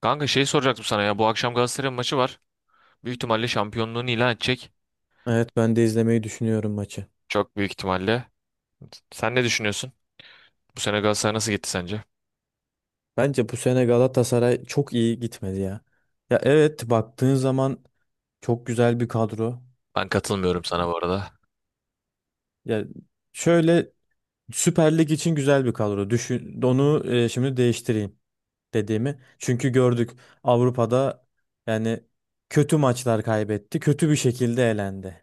Kanka soracaktım sana ya. Bu akşam Galatasaray maçı var. Büyük ihtimalle şampiyonluğunu ilan edecek. Evet ben de izlemeyi düşünüyorum maçı. Çok büyük ihtimalle. Sen ne düşünüyorsun? Bu sene Galatasaray nasıl gitti sence? Bence bu sene Galatasaray çok iyi gitmedi ya. Ya evet baktığın zaman çok güzel bir kadro. Ben katılmıyorum sana bu arada. Ya şöyle Süper Lig için güzel bir kadro. Düşün onu şimdi değiştireyim dediğimi. Çünkü gördük Avrupa'da yani kötü maçlar kaybetti. Kötü bir şekilde elendi.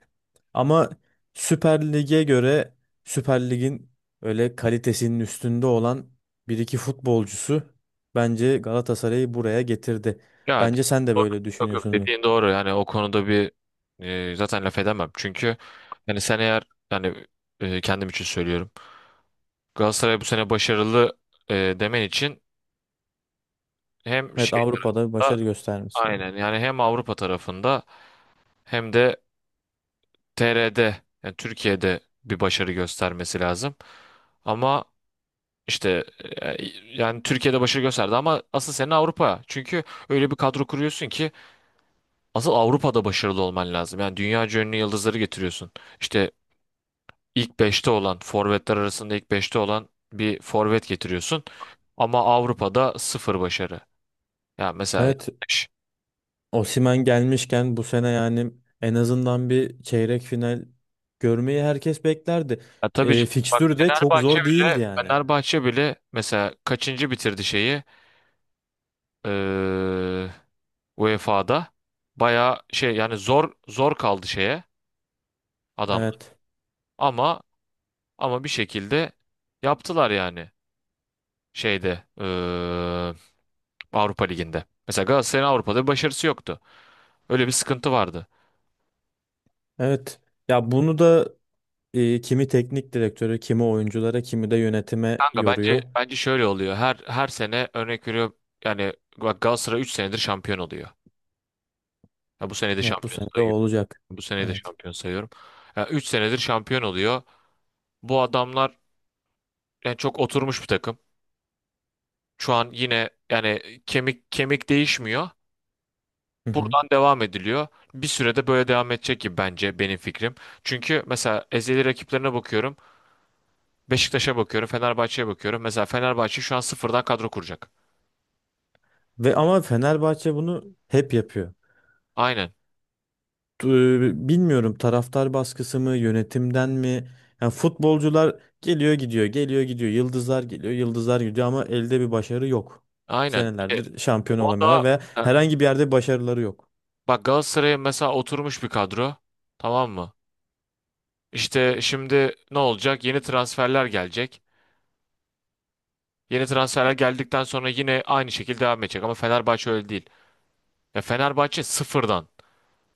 Ama Süper Lig'e göre Süper Lig'in öyle kalitesinin üstünde olan bir iki futbolcusu bence Galatasaray'ı buraya getirdi. Ya Bence sen de doğru. böyle Yok yok, düşünüyorsun. dediğin doğru. Yani o konuda bir zaten laf edemem. Çünkü yani sen eğer yani kendim için söylüyorum. Galatasaray bu sene başarılı demen için hem Evet Avrupa'da başarı göstermiş. aynen yani hem Avrupa tarafında hem de TR'de yani Türkiye'de bir başarı göstermesi lazım. Ama işte e, yani Türkiye'de başarı gösterdi ama asıl senin Avrupa. Çünkü öyle bir kadro kuruyorsun ki asıl Avrupa'da başarılı olman lazım. Yani dünya ünlü yıldızları getiriyorsun. İşte ilk beşte olan forvetler arasında ilk beşte olan bir forvet getiriyorsun. Ama Avrupa'da sıfır başarı. Yani mesela Evet yanlış. Osimhen gelmişken bu sene yani en azından bir çeyrek final görmeyi herkes beklerdi. Ya tabii ki- E, bak fikstür de çok Fenerbahçe zor değildi bile yani. Fenerbahçe bile mesela kaçıncı bitirdi şeyi? Ee, UEFA'da bayağı şey yani zor kaldı şeye adamlar. Evet. Ama ama bir şekilde yaptılar yani şeyde Avrupa Ligi'nde. Mesela Galatasaray'ın Avrupa'da bir başarısı yoktu. Öyle bir sıkıntı vardı. Evet. Ya bunu da kimi teknik direktörü, kimi oyunculara, kimi de yönetime Kanka bence yoruyor. bence şöyle oluyor. Her sene örnek veriyorum yani bak Galatasaray 3 senedir şampiyon oluyor. Ya bu sene de Net bu şampiyon sene de o sayıyorum. olacak. Bu sene de Evet. şampiyon sayıyorum. Ya 3 senedir şampiyon oluyor. Bu adamlar yani çok oturmuş bir takım. Şu an yine yani kemik kemik değişmiyor. Hı hı. Buradan devam ediliyor. Bir sürede böyle devam edecek gibi bence benim fikrim. Çünkü mesela ezeli rakiplerine bakıyorum. Beşiktaş'a bakıyorum, Fenerbahçe'ye bakıyorum. Mesela Fenerbahçe şu an sıfırdan kadro kuracak. Ve ama Fenerbahçe bunu hep yapıyor. Aynen. Bilmiyorum taraftar baskısı mı, yönetimden mi? Yani futbolcular geliyor gidiyor, geliyor gidiyor. Yıldızlar geliyor, yıldızlar gidiyor ama elde bir başarı yok. Aynen. İşte Senelerdir şampiyon o olamıyorlar da veya e, herhangi bir yerde başarıları yok. bak Galatasaray'a mesela oturmuş bir kadro. Tamam mı? İşte şimdi ne olacak? Yeni transferler gelecek. Yeni transferler geldikten sonra yine aynı şekilde devam edecek ama Fenerbahçe öyle değil. Ya Fenerbahçe sıfırdan,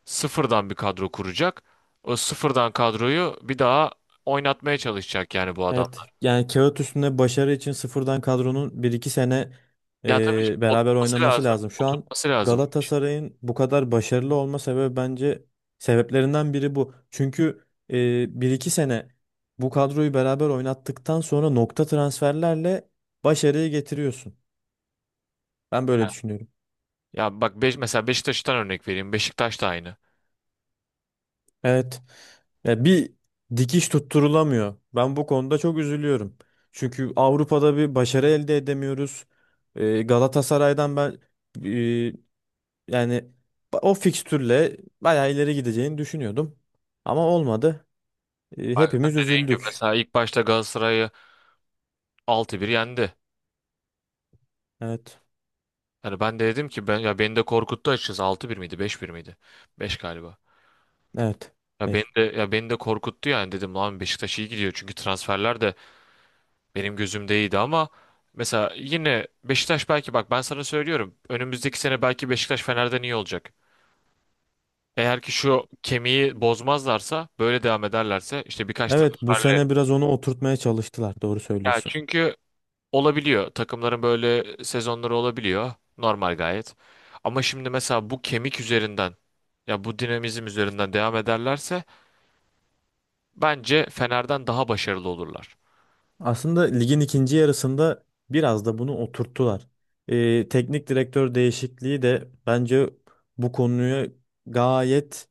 sıfırdan bir kadro kuracak. O sıfırdan kadroyu bir daha oynatmaya çalışacak yani bu adam. Evet yani kağıt üstünde başarı için sıfırdan kadronun bir iki sene Ya tabii şimdi beraber oturması oynaması lazım. lazım. Şu an Oturması lazım. Galatasaray'ın bu kadar başarılı olma sebebi bence sebeplerinden biri bu. Çünkü 1-2 sene bu kadroyu beraber oynattıktan sonra nokta transferlerle başarıyı getiriyorsun. Ben böyle düşünüyorum. Ya mesela Beşiktaş'tan örnek vereyim. Beşiktaş da aynı. Evet. Ya bir dikiş tutturulamıyor. Ben bu konuda çok üzülüyorum. Çünkü Avrupa'da bir başarı elde edemiyoruz. Galatasaray'dan ben e, yani o fikstürle bayağı ileri gideceğini düşünüyordum. Ama olmadı. Bak Hepimiz dediğim üzüldük. mesela ilk başta Galatasaray'ı altı bir yendi. Evet. Yani ben de dedim ki ya beni de korkuttu açıkçası altı bir miydi beş bir miydi? Beş galiba. Evet. Ya beni Beş. de ya beni de korkuttu yani dedim lan Beşiktaş iyi gidiyor çünkü transferler de benim gözümde iyiydi ama mesela yine Beşiktaş belki bak ben sana söylüyorum önümüzdeki sene belki Beşiktaş Fener'den iyi olacak. Eğer ki şu kemiği bozmazlarsa böyle devam ederlerse işte birkaç Evet bu transferle. sene biraz onu oturtmaya çalıştılar. Doğru Ya söylüyorsun. çünkü olabiliyor, takımların böyle sezonları olabiliyor normal gayet. Ama şimdi mesela bu kemik üzerinden ya bu dinamizm üzerinden devam ederlerse bence Fener'den daha başarılı olurlar. Aslında ligin ikinci yarısında biraz da bunu oturttular. Teknik direktör değişikliği de bence bu konuya gayet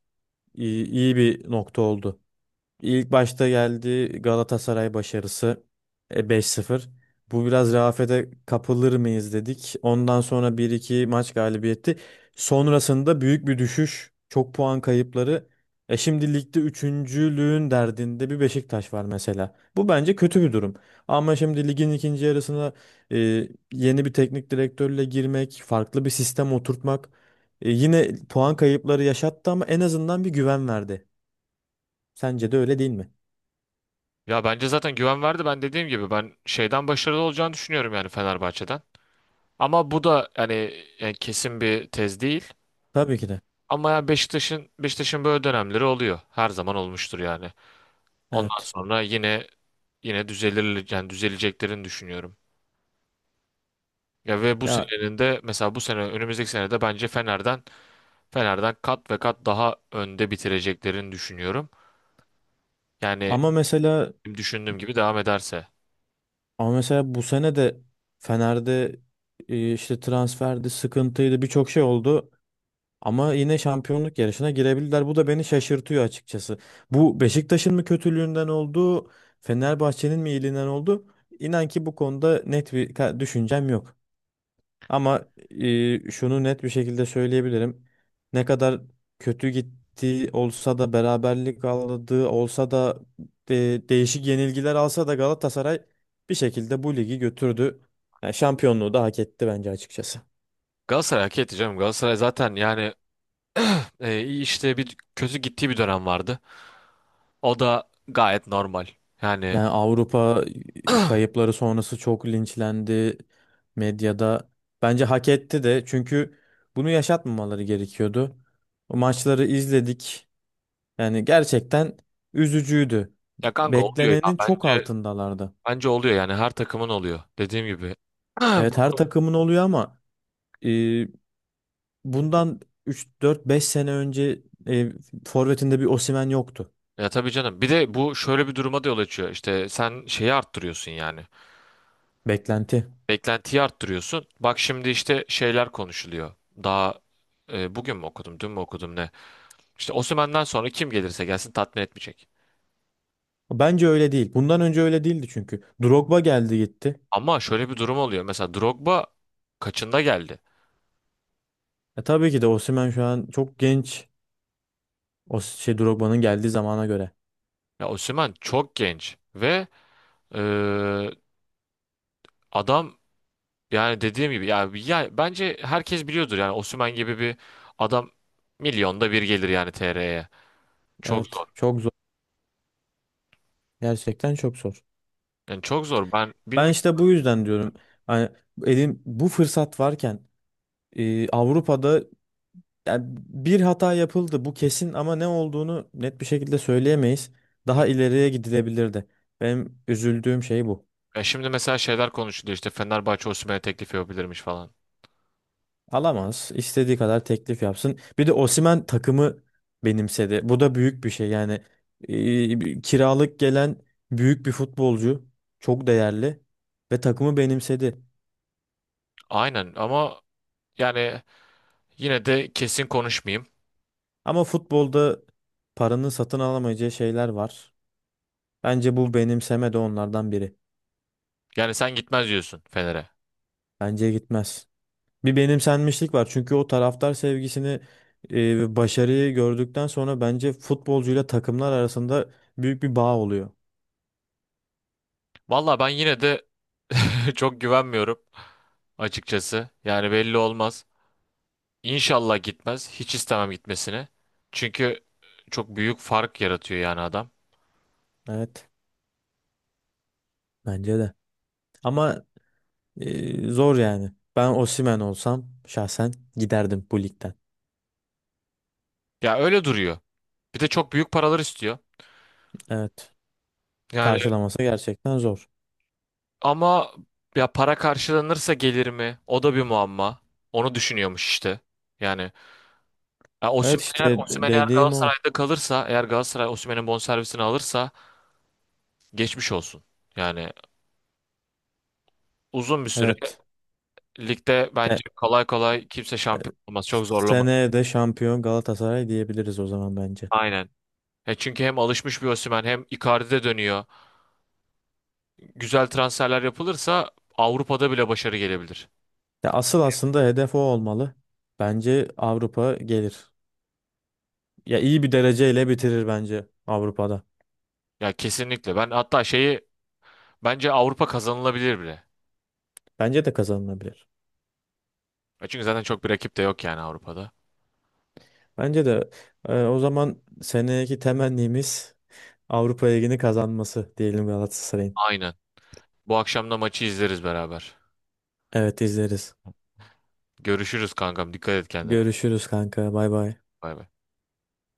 iyi bir nokta oldu. İlk başta geldi Galatasaray başarısı 5-0. Bu biraz rehavete kapılır mıyız dedik. Ondan sonra bir iki maç galibiyeti. Sonrasında büyük bir düşüş, çok puan kayıpları. E şimdi ligde üçüncülüğün derdinde bir Beşiktaş var mesela. Bu bence kötü bir durum. Ama şimdi ligin ikinci yarısına e, yeni bir teknik direktörle girmek, farklı bir sistem oturtmak yine puan kayıpları yaşattı ama en azından bir güven verdi. Sence de öyle değil mi? Ya bence zaten güven verdi, ben dediğim gibi ben şeyden başarılı olacağını düşünüyorum yani Fenerbahçe'den. Ama bu da hani yani kesin bir tez değil. Tabii ki de. Ama yani Beşiktaş'ın böyle dönemleri oluyor. Her zaman olmuştur yani. Ondan Evet. sonra yine düzelir yani düzeleceklerini düşünüyorum. Ya ve bu Ya senenin de mesela bu sene önümüzdeki sene de bence Fener'den kat ve kat daha önde bitireceklerini düşünüyorum. Yani ama mesela düşündüğüm gibi devam ederse. ama mesela bu sene de Fener'de işte transferdi, sıkıntıydı, birçok şey oldu. Ama yine şampiyonluk yarışına girebildiler. Bu da beni şaşırtıyor açıkçası. Bu Beşiktaş'ın mı kötülüğünden oldu, Fenerbahçe'nin mi iyiliğinden oldu? İnan ki bu konuda net bir düşüncem yok. Ama şunu net bir şekilde söyleyebilirim. Ne kadar kötü gittiği olsa da beraberlik aldığı olsa da değişik yenilgiler alsa da Galatasaray bir şekilde bu ligi götürdü. Yani şampiyonluğu da hak etti bence açıkçası. Galatasaray hak etti canım. Galatasaray zaten yani iyi işte bir kötü gittiği bir dönem vardı. O da gayet normal. Yani Yani Avrupa kayıpları sonrası çok linçlendi medyada. Bence hak etti de çünkü bunu yaşatmamaları gerekiyordu. O maçları izledik. Yani gerçekten üzücüydü. ya kanka oluyor ya Beklenenin çok bence, altındalardı. bence oluyor yani her takımın oluyor. Dediğim gibi. Evet Bu- her takımın oluyor ama e, bundan üç dört beş sene önce e, forvetinde bir Osimhen yoktu. ya tabii canım. Bir de bu şöyle bir duruma da yol açıyor. İşte sen şeyi arttırıyorsun yani. Beklenti. Beklentiyi arttırıyorsun. Bak şimdi işte şeyler konuşuluyor. Daha bugün mü okudum, dün mü okudum ne? İşte Osimhen'den sonra kim gelirse gelsin tatmin etmeyecek. Bence öyle değil. Bundan önce öyle değildi çünkü. Drogba geldi gitti. Ama şöyle bir durum oluyor. Mesela Drogba kaçında geldi? E, tabii ki de Osimhen şu an çok genç. O şey Drogba'nın geldiği zamana göre. Ya Osimhen çok genç ve e, adam, yani dediğim gibi ya bence herkes biliyordur yani Osimhen gibi bir adam milyonda bir gelir yani TR'ye. Çok zor. Evet çok zor. Gerçekten çok zor. Yani çok zor. Ben Ben bilmiyorum. işte bu yüzden diyorum. Hani elin bu fırsat varken Avrupa'da yani bir hata yapıldı bu kesin ama ne olduğunu net bir şekilde söyleyemeyiz. Daha ileriye gidilebilirdi. Benim üzüldüğüm şey bu. Ya şimdi mesela şeyler konuşuluyor işte Fenerbahçe Osimhen'e teklif yapabilirmiş falan. Alamaz. İstediği kadar teklif yapsın. Bir de Osimhen takımı benimsedi. Bu da büyük bir şey. Yani kiralık gelen büyük bir futbolcu, çok değerli ve takımı benimsedi. Aynen ama yani yine de kesin konuşmayayım. Ama futbolda paranın satın alamayacağı şeyler var. Bence bu benimseme de onlardan biri. Yani sen gitmez diyorsun Fener'e. Bence gitmez. Bir benimsenmişlik var. Çünkü o taraftar sevgisini, ve başarıyı gördükten sonra bence futbolcuyla takımlar arasında büyük bir bağ oluyor. Valla ben yine de çok güvenmiyorum açıkçası. Yani belli olmaz. İnşallah gitmez. Hiç istemem gitmesini. Çünkü çok büyük fark yaratıyor yani adam. Evet, bence de. Ama zor yani. Ben Osimhen olsam şahsen giderdim bu ligden. Ya öyle duruyor. Bir de çok büyük paralar istiyor. Evet. Yani Karşılaması gerçekten zor. ama ya para karşılanırsa gelir mi? O da bir muamma. Onu düşünüyormuş işte. Yani ya Evet Osimhen işte eğer Osimhen eğer dediğim o. Galatasaray'da kalırsa, eğer Galatasaray Osimhen'in bonservisini alırsa geçmiş olsun. Yani uzun bir süre Evet. ligde E, bence kolay kolay kimse şampiyon olmaz. Çok zorlama. seneye de şampiyon Galatasaray diyebiliriz o zaman bence. Aynen. Ya çünkü hem alışmış bir Osimhen hem Icardi'de dönüyor. Güzel transferler yapılırsa Avrupa'da bile başarı gelebilir. Ya asıl aslında hedef o olmalı. Bence Avrupa gelir. Ya iyi bir dereceyle bitirir bence Avrupa'da. Ya kesinlikle. Ben hatta bence Avrupa kazanılabilir bile. Bence de kazanılabilir. E çünkü zaten çok bir rakip de yok yani Avrupa'da. Bence de o zaman seneki temennimiz Avrupa Ligi'ni kazanması diyelim Galatasaray'ın. Aynen. Bu akşam da maçı izleriz beraber. Evet izleriz. Görüşürüz kankam. Dikkat et kendine. Görüşürüz kanka. Bay bay. Bay bay.